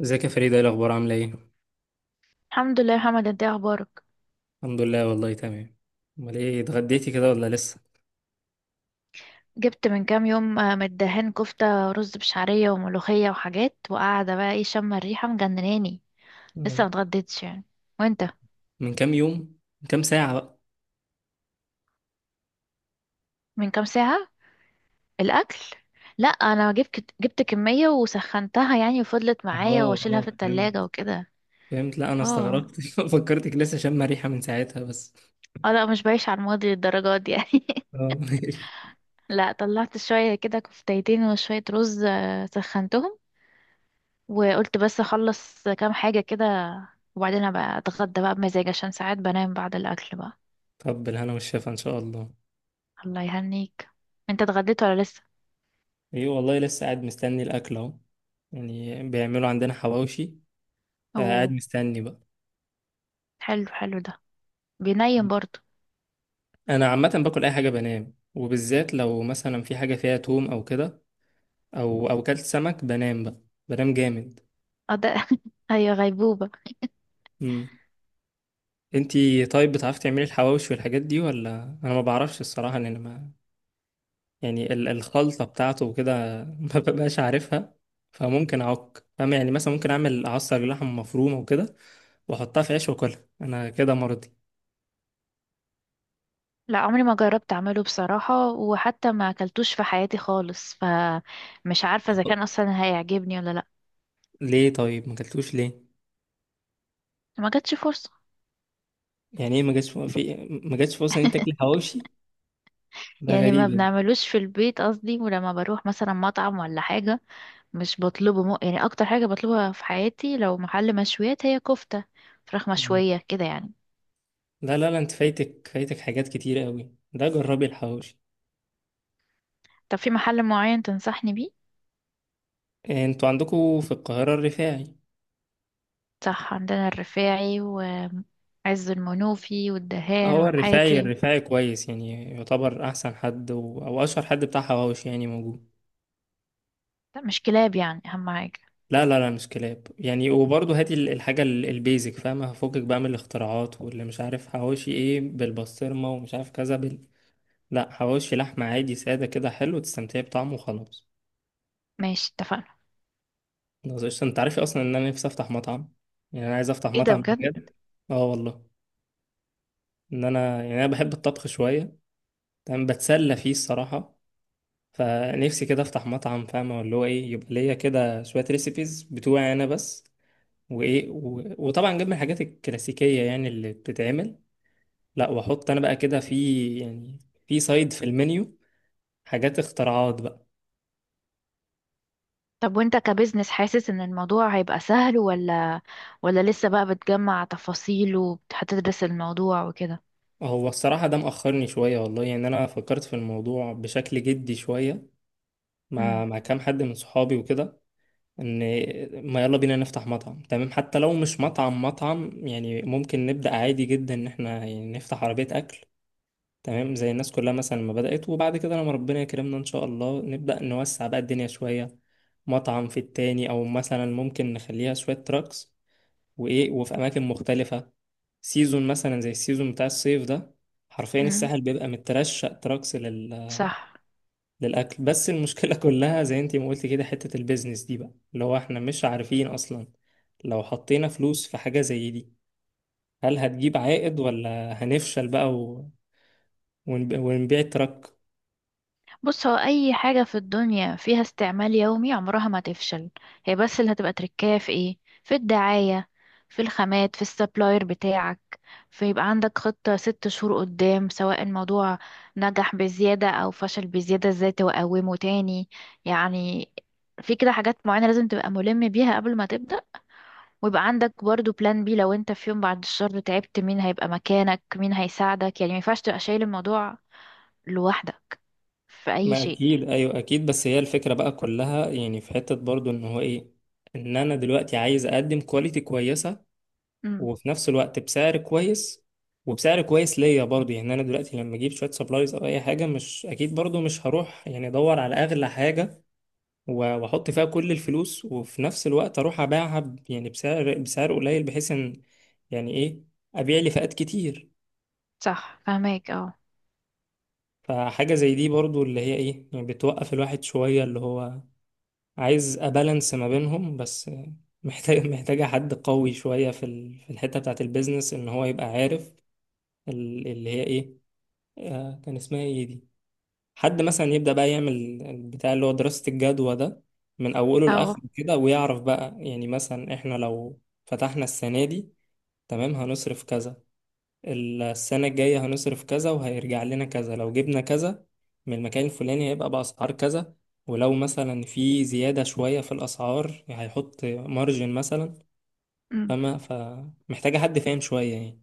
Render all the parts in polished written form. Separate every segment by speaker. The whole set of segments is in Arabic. Speaker 1: ازيك يا فريدة، ايه الأخبار، عاملة ايه؟
Speaker 2: الحمد لله يا محمد، انت ايه اخبارك؟
Speaker 1: الحمد لله والله تمام. امال ايه، اتغديتي كده ولا لسه؟
Speaker 2: جبت من كام يوم آه، من الدهان كفتة رز بشعرية وملوخية وحاجات، وقاعدة بقى ايه شم الريحة مجنناني. لسه
Speaker 1: آه.
Speaker 2: متغديتش يعني. وانت؟
Speaker 1: من كام يوم؟ من كام ساعة بقى؟
Speaker 2: من كام ساعة الاكل. لا انا جبت كمية وسخنتها يعني وفضلت معايا
Speaker 1: اه
Speaker 2: واشيلها
Speaker 1: اه،
Speaker 2: في
Speaker 1: فهمت
Speaker 2: التلاجة وكده.
Speaker 1: فهمت. لا، أنا
Speaker 2: اه
Speaker 1: استغربت فكرتك لسه شامة ريحة من ساعتها بس.
Speaker 2: اه، لا مش بعيش على الماضي للدرجات دي يعني.
Speaker 1: اه
Speaker 2: لا طلعت شوية كده كفتيتين وشوية رز، آه، سخنتهم وقلت بس اخلص كام حاجة كده وبعدين ابقى اتغدى بقى بمزاج، عشان ساعات بنام بعد الاكل بقى.
Speaker 1: طب بالهنا والشفا إن شاء الله.
Speaker 2: الله يهنيك. انت اتغديت ولا لسه؟
Speaker 1: ايه والله لسه قاعد مستني الأكل أهو، يعني بيعملوا عندنا حواوشي، فقاعد
Speaker 2: اوه.
Speaker 1: مستني بقى.
Speaker 2: حلو حلو ده. بينيم برضه؟
Speaker 1: أنا عامة باكل أي حاجة بنام، وبالذات لو مثلا في حاجة فيها توم أو كده، أو كلت سمك بنام بقى. بنام جامد.
Speaker 2: اه ده. ايوه، غيبوبة.
Speaker 1: انتي طيب بتعرفي تعملي الحواوشي والحاجات دي ولا؟ انا ما بعرفش الصراحه، ان انا ما... يعني الخلطه بتاعته وكده ما ببقاش عارفها. فممكن اعك فاهم، يعني مثلا ممكن اعمل اعصر لحمه مفرومه وكده، واحطها في عيش واكلها انا كده مرضي.
Speaker 2: لا عمري ما جربت اعمله بصراحة، وحتى ما اكلتوش في حياتي خالص، فمش عارفة اذا كان اصلا هيعجبني ولا لا.
Speaker 1: ليه طيب ما اكلتوش ليه؟
Speaker 2: ما جاتش فرصة.
Speaker 1: يعني ايه، ما جاتش في؟ ما جاتش فرصه ان انت تاكل حواوشي؟ ده
Speaker 2: يعني ما
Speaker 1: غريبه.
Speaker 2: بنعملوش في البيت قصدي، ولما بروح مثلا مطعم ولا حاجة مش بطلبه م... يعني اكتر حاجه بطلبها في حياتي لو محل مشويات هي كفته، فراخ مشويه كده يعني.
Speaker 1: لا لا لا، انت فايتك فايتك حاجات كتير قوي، ده جربي الحواوشي.
Speaker 2: طب في محل معين تنصحني بيه؟
Speaker 1: إيه، انتوا عندكم في القاهره الرفاعي.
Speaker 2: صح، عندنا الرفاعي وعز المنوفي والدهان
Speaker 1: هو الرفاعي
Speaker 2: والحياتي.
Speaker 1: الرفاعي كويس، يعني يعتبر احسن حد او اشهر حد بتاع حواوش يعني موجود.
Speaker 2: لا مش كلاب يعني اهم حاجه.
Speaker 1: لا لا لا، مش كلاب يعني. وبرضه هاتي الحاجه البيزك فاهمه، هفكك بقى من الاختراعات واللي مش عارف حواوشي ايه بالبسطرمه ومش عارف كذا لا، حواوشي لحمه عادي ساده كده حلو تستمتعي بطعمه وخلاص.
Speaker 2: ماشي اتفقنا.
Speaker 1: خلاص قشطة. انت عارف اصلا ان انا نفسي افتح مطعم؟ يعني انا عايز افتح
Speaker 2: ايه ده
Speaker 1: مطعم
Speaker 2: بجد؟
Speaker 1: بجد. اه والله، ان انا يعني انا بحب الطبخ شويه، تمام بتسلى فيه الصراحه. فنفسي كده افتح مطعم، فاهمة اللي هو ايه، يبقى ليا كده شوية ريسيبيز بتوعي انا بس. وايه وطبعا جنب الحاجات الكلاسيكية يعني اللي بتتعمل. لا، واحط انا بقى كده في، يعني في سايد في المنيو حاجات اختراعات بقى.
Speaker 2: طب وانت كبزنس حاسس ان الموضوع هيبقى سهل، ولا ولا لسه بقى بتجمع تفاصيل وهتدرس الموضوع وكده؟
Speaker 1: هو الصراحة ده مأخرني شوية والله، يعني انا فكرت في الموضوع بشكل جدي شوية مع
Speaker 2: امم.
Speaker 1: مع كام حد من صحابي وكده، ان ما يلا بينا نفتح مطعم تمام، حتى لو مش مطعم مطعم يعني، ممكن نبدأ عادي جدا ان احنا يعني نفتح عربية اكل، تمام زي الناس كلها مثلا ما بدأت. وبعد كده لما ربنا يكرمنا إن شاء الله نبدأ نوسع بقى الدنيا شوية، مطعم في التاني، أو مثلا ممكن نخليها شوية تراكس، وإيه وفي أماكن مختلفة، سيزون مثلا زي السيزون بتاع الصيف ده، حرفيا
Speaker 2: امم.
Speaker 1: الساحل بيبقى مترشق تراكس
Speaker 2: صح.
Speaker 1: للأكل. بس المشكلة كلها زي انتي ما قلتي كده، حتة البيزنس دي بقى اللي هو احنا مش عارفين أصلا لو حطينا فلوس في حاجة زي دي، هل هتجيب عائد ولا هنفشل بقى ونبيع التراك.
Speaker 2: بص، هو اي حاجة في الدنيا فيها استعمال يومي عمرها ما تفشل. هي بس اللي هتبقى تركاية في ايه، في الدعاية، في الخامات، في السبلاير بتاعك. فيبقى عندك خطة 6 شهور قدام، سواء الموضوع نجح بزيادة او فشل بزيادة ازاي تقومه تاني. يعني في كده حاجات معينة لازم تبقى ملم بيها قبل ما تبدأ، ويبقى عندك برضو بلان بي، لو انت في يوم بعد الشر تعبت مين هيبقى مكانك، مين هيساعدك. يعني ما ينفعش تبقى شايل الموضوع لوحدك في اي
Speaker 1: ما
Speaker 2: شيء.
Speaker 1: اكيد ايوه اكيد. بس هي الفكره بقى كلها يعني في حته برضو ان هو ايه، ان انا دلوقتي عايز اقدم كواليتي كويسه، وفي نفس الوقت بسعر كويس، وبسعر كويس ليا برضو. يعني انا دلوقتي لما اجيب شويه سبلايز او اي حاجه مش اكيد برضو، مش هروح يعني ادور على اغلى حاجه و- واحط فيها كل الفلوس، وفي نفس الوقت اروح ابيعها يعني بسعر قليل، بحيث ان، يعني ايه، ابيع لي فئات كتير.
Speaker 2: صح، فهماك اه.
Speaker 1: فحاجه زي دي برضو اللي هي ايه، يعني بتوقف الواحد شويه اللي هو عايز أبالانس ما بينهم بس. محتاجة حد قوي شوية في في الحتة بتاعة البيزنس إن هو يبقى عارف اللي هي إيه، كان اسمها إيه دي، حد مثلا يبدأ بقى يعمل البتاع اللي هو دراسة الجدوى ده من أوله
Speaker 2: اه،
Speaker 1: لآخره كده، ويعرف بقى يعني مثلا، إحنا لو فتحنا السنة دي تمام هنصرف كذا، السنة الجاية هنصرف كذا وهيرجع لنا كذا، لو جبنا كذا من المكان الفلاني هيبقى بأسعار كذا، ولو مثلا في زيادة شوية في الأسعار هيحط مارجن مثلا.
Speaker 2: أمم.
Speaker 1: فمحتاجة حد فاهم شوية يعني.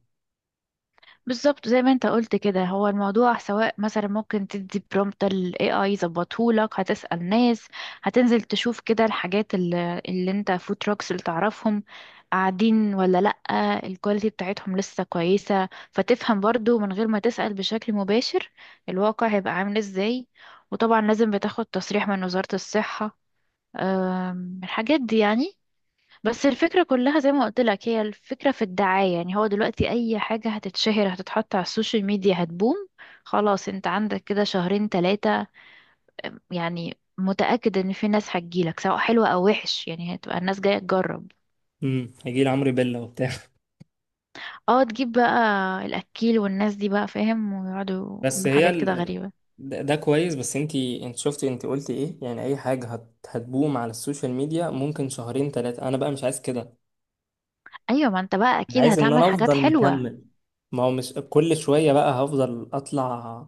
Speaker 2: بالظبط زي ما انت قلت كده، هو الموضوع سواء مثلا ممكن تدي برومبت ال AI يظبطهولك، هتسأل ناس، هتنزل تشوف كده الحاجات اللي انت فود تراكس اللي تعرفهم قاعدين ولا لأ، الكواليتي بتاعتهم لسه كويسة، فتفهم برضو من غير ما تسأل بشكل مباشر الواقع هيبقى عامل ازاي. وطبعا لازم بتاخد تصريح من وزارة الصحة، أم، الحاجات دي يعني. بس الفكرة كلها زي ما قلت لك، هي الفكرة في الدعاية، يعني هو دلوقتي أي حاجة هتتشهر هتتحط على السوشيال ميديا هتبوم. خلاص، انت عندك كده شهرين 3 يعني متأكد ان في ناس هتجيلك، سواء حلوة أو وحش يعني هتبقى الناس جاية تجرب.
Speaker 1: هيجي عمرو بيلا وبتاع
Speaker 2: اه، تجيب بقى الأكيل والناس دي بقى فاهم، ويقعدوا
Speaker 1: بس
Speaker 2: يقولوا
Speaker 1: هي
Speaker 2: حاجات كده غريبة.
Speaker 1: ده كويس، بس انتي انت شفتي انت قلتي ايه، يعني اي حاجة هتبوم على السوشيال ميديا ممكن شهرين تلاتة، انا بقى مش عايز كده.
Speaker 2: أيوة، ما انت بقى
Speaker 1: انا
Speaker 2: أكيد
Speaker 1: عايز ان
Speaker 2: هتعمل
Speaker 1: انا
Speaker 2: حاجات
Speaker 1: افضل
Speaker 2: حلوة.
Speaker 1: مكمل، ما هو مش كل شوية بقى هفضل اطلع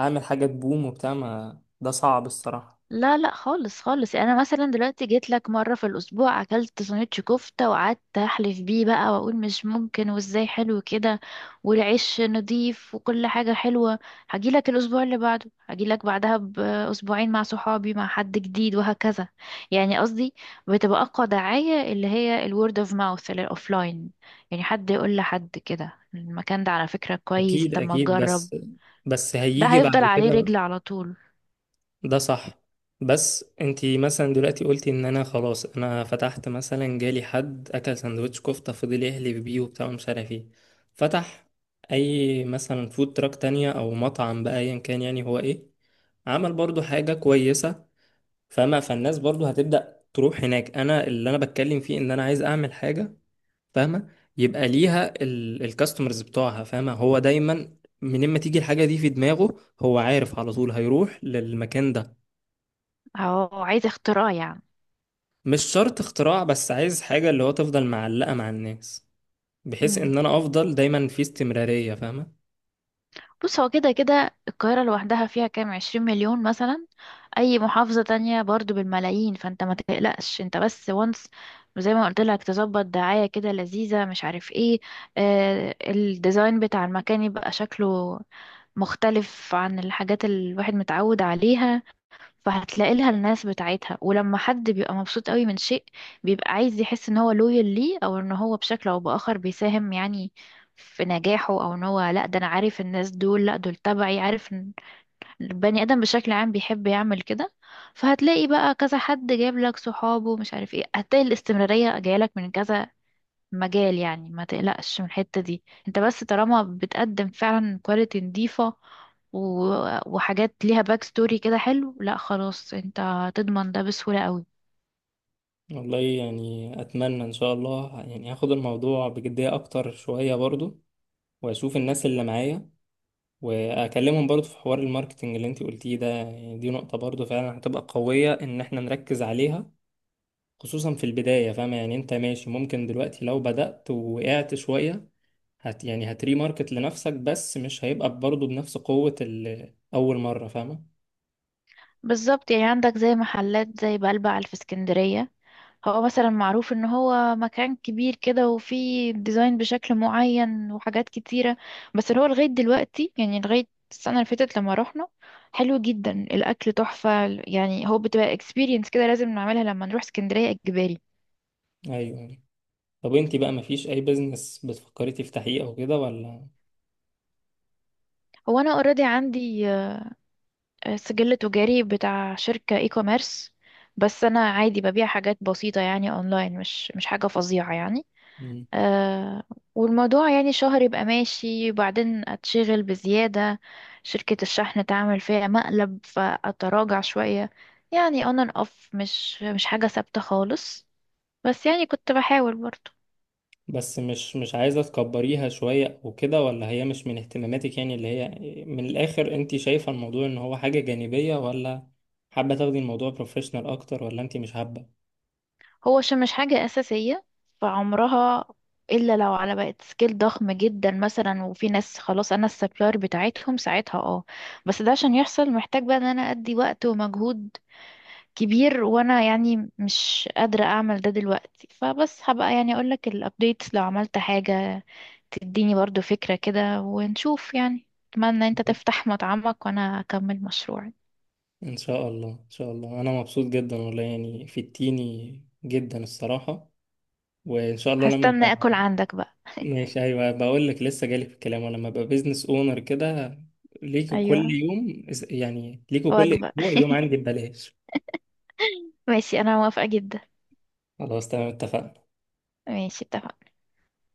Speaker 1: اعمل حاجة تبوم وبتاع، ما ده صعب الصراحة.
Speaker 2: لا لا خالص خالص، يعني انا مثلا دلوقتي جيت لك مره في الاسبوع اكلت سندوتش كفته وقعدت احلف بيه بقى واقول مش ممكن وازاي حلو كده، والعيش نضيف وكل حاجه حلوه، هجي لك الاسبوع اللي بعده، هجي لك بعدها باسبوعين مع صحابي مع حد جديد وهكذا. يعني قصدي بتبقى اقوى دعايه اللي هي الورد اوف ماوث الاوفلاين، يعني حد يقول لحد كده المكان ده على فكره كويس،
Speaker 1: اكيد
Speaker 2: طب ما
Speaker 1: اكيد
Speaker 2: تجرب.
Speaker 1: بس، بس
Speaker 2: ده
Speaker 1: هيجي
Speaker 2: هيفضل
Speaker 1: بعد
Speaker 2: عليه
Speaker 1: كده
Speaker 2: رجل
Speaker 1: بقى.
Speaker 2: على طول.
Speaker 1: ده صح. بس انتي مثلا دلوقتي قلتي ان انا خلاص، انا فتحت مثلا جالي حد اكل سندوتش كفتة فضل يحلف بيه وبتاع ومش عارف ايه، فتح اي مثلا فود تراك تانية او مطعم بقى ايا كان، يعني هو ايه، عمل برضو حاجة كويسة فاهمة، فالناس برضو هتبدأ تروح هناك. انا اللي انا بتكلم فيه ان انا عايز اعمل حاجة فاهمة يبقى ليها الكاستمرز بتوعها، فاهمة، هو دايما منين ما تيجي الحاجة دي في دماغه هو عارف على طول هيروح للمكان ده.
Speaker 2: هو عايز اختراع يعني.
Speaker 1: مش شرط اختراع، بس عايز حاجة اللي هو تفضل معلقة مع الناس، بحيث ان انا افضل دايما في استمرارية فاهمة.
Speaker 2: بص، هو كده كده القاهرة لوحدها فيها كام، 20 مليون مثلا، أي محافظة تانية برضو بالملايين، فانت ما تقلقش، انت بس وانس زي ما قلت لك، تظبط دعاية كده لذيذة مش عارف ايه، آه الديزاين بتاع المكان يبقى شكله مختلف عن الحاجات اللي الواحد متعود عليها. فهتلاقي لها الناس بتاعتها، ولما حد بيبقى مبسوط قوي من شيء بيبقى عايز يحس ان هو لويال ليه، او ان هو بشكل او باخر بيساهم يعني في نجاحه، او ان هو لا ده انا عارف الناس دول، لا دول تبعي، عارف ان البني ادم بشكل عام بيحب يعمل كده. فهتلاقي بقى كذا حد جايب لك صحابه مش عارف ايه، هتلاقي الاستمرارية جاية لك من كذا مجال. يعني ما تقلقش من الحتة دي، انت بس طالما بتقدم فعلا كواليتي نظيفة و... وحاجات ليها باك ستوري كده حلو، لا خلاص انت هتضمن ده بسهولة قوي.
Speaker 1: والله يعني اتمنى ان شاء الله يعني هاخد الموضوع بجدية اكتر شوية برضو، واشوف الناس اللي معايا واكلمهم برضو في حوار الماركتنج اللي انت قلتيه ده، يعني دي نقطة برضو فعلا هتبقى قوية ان احنا نركز عليها، خصوصا في البداية فاهمة. يعني انت ماشي ممكن دلوقتي لو بدأت ووقعت شوية يعني هتري ماركت لنفسك، بس مش هيبقى برضو بنفس قوة اول مرة فاهمة.
Speaker 2: بالظبط، يعني عندك زي محلات زي بلبع في اسكندرية، هو مثلا معروف ان هو مكان كبير كده وفيه ديزاين بشكل معين وحاجات كتيرة، بس هو لغاية دلوقتي، يعني لغاية السنة اللي فاتت لما رحنا، حلو جدا الأكل تحفة، يعني هو بتبقى experience كده لازم نعملها لما نروح اسكندرية إجباري.
Speaker 1: ايوه. طب انت بقى مفيش اي بزنس بتفكري تفتحيه او كده ولا؟
Speaker 2: هو انا اوريدي عندي آه، سجل تجاري بتاع شركة اي كوميرس، بس انا عادي ببيع حاجات بسيطة يعني اونلاين، مش حاجة فظيعة يعني. أه، والموضوع يعني شهر يبقى ماشي وبعدين اتشغل بزيادة، شركة الشحن تعمل فيها مقلب فاتراجع شوية. يعني on and off، مش حاجة ثابتة خالص، بس يعني كنت بحاول برضه.
Speaker 1: بس مش عايزة تكبريها شوية وكده، ولا هي مش من اهتماماتك، يعني اللي هي، من الآخر انت شايفة الموضوع ان هو حاجة جانبية ولا حابة تاخدي الموضوع بروفيشنال اكتر، ولا انت مش حابة.
Speaker 2: هو عشان مش حاجة أساسية فعمرها، إلا لو على بقت سكيل ضخم جدا مثلا، وفي ناس خلاص أنا السبلاير بتاعتهم ساعتها اه، بس ده عشان يحصل محتاج بقى إن أنا أدي وقت ومجهود كبير، وأنا يعني مش قادرة أعمل ده دلوقتي، فبس هبقى يعني أقولك الأبديتس لو عملت حاجة، تديني برضو فكرة كده ونشوف يعني. أتمنى أنت تفتح مطعمك وأنا أكمل مشروعي.
Speaker 1: ان شاء الله ان شاء الله، انا مبسوط جدا والله يعني فدتيني جدا الصراحة. وان شاء الله لما ابقى.
Speaker 2: هستنى أكل عندك بقى.
Speaker 1: ماشي، ايوه بقول لك لسه جالي في الكلام، ولما ابقى بيزنس اونر كده
Speaker 2: أيوة،
Speaker 1: ليكوا كل
Speaker 2: وجبة.
Speaker 1: اسبوع يوم عندي ببلاش.
Speaker 2: ماشي، أنا موافقة جدا.
Speaker 1: خلاص تمام اتفقنا.
Speaker 2: ماشي، اتفقنا.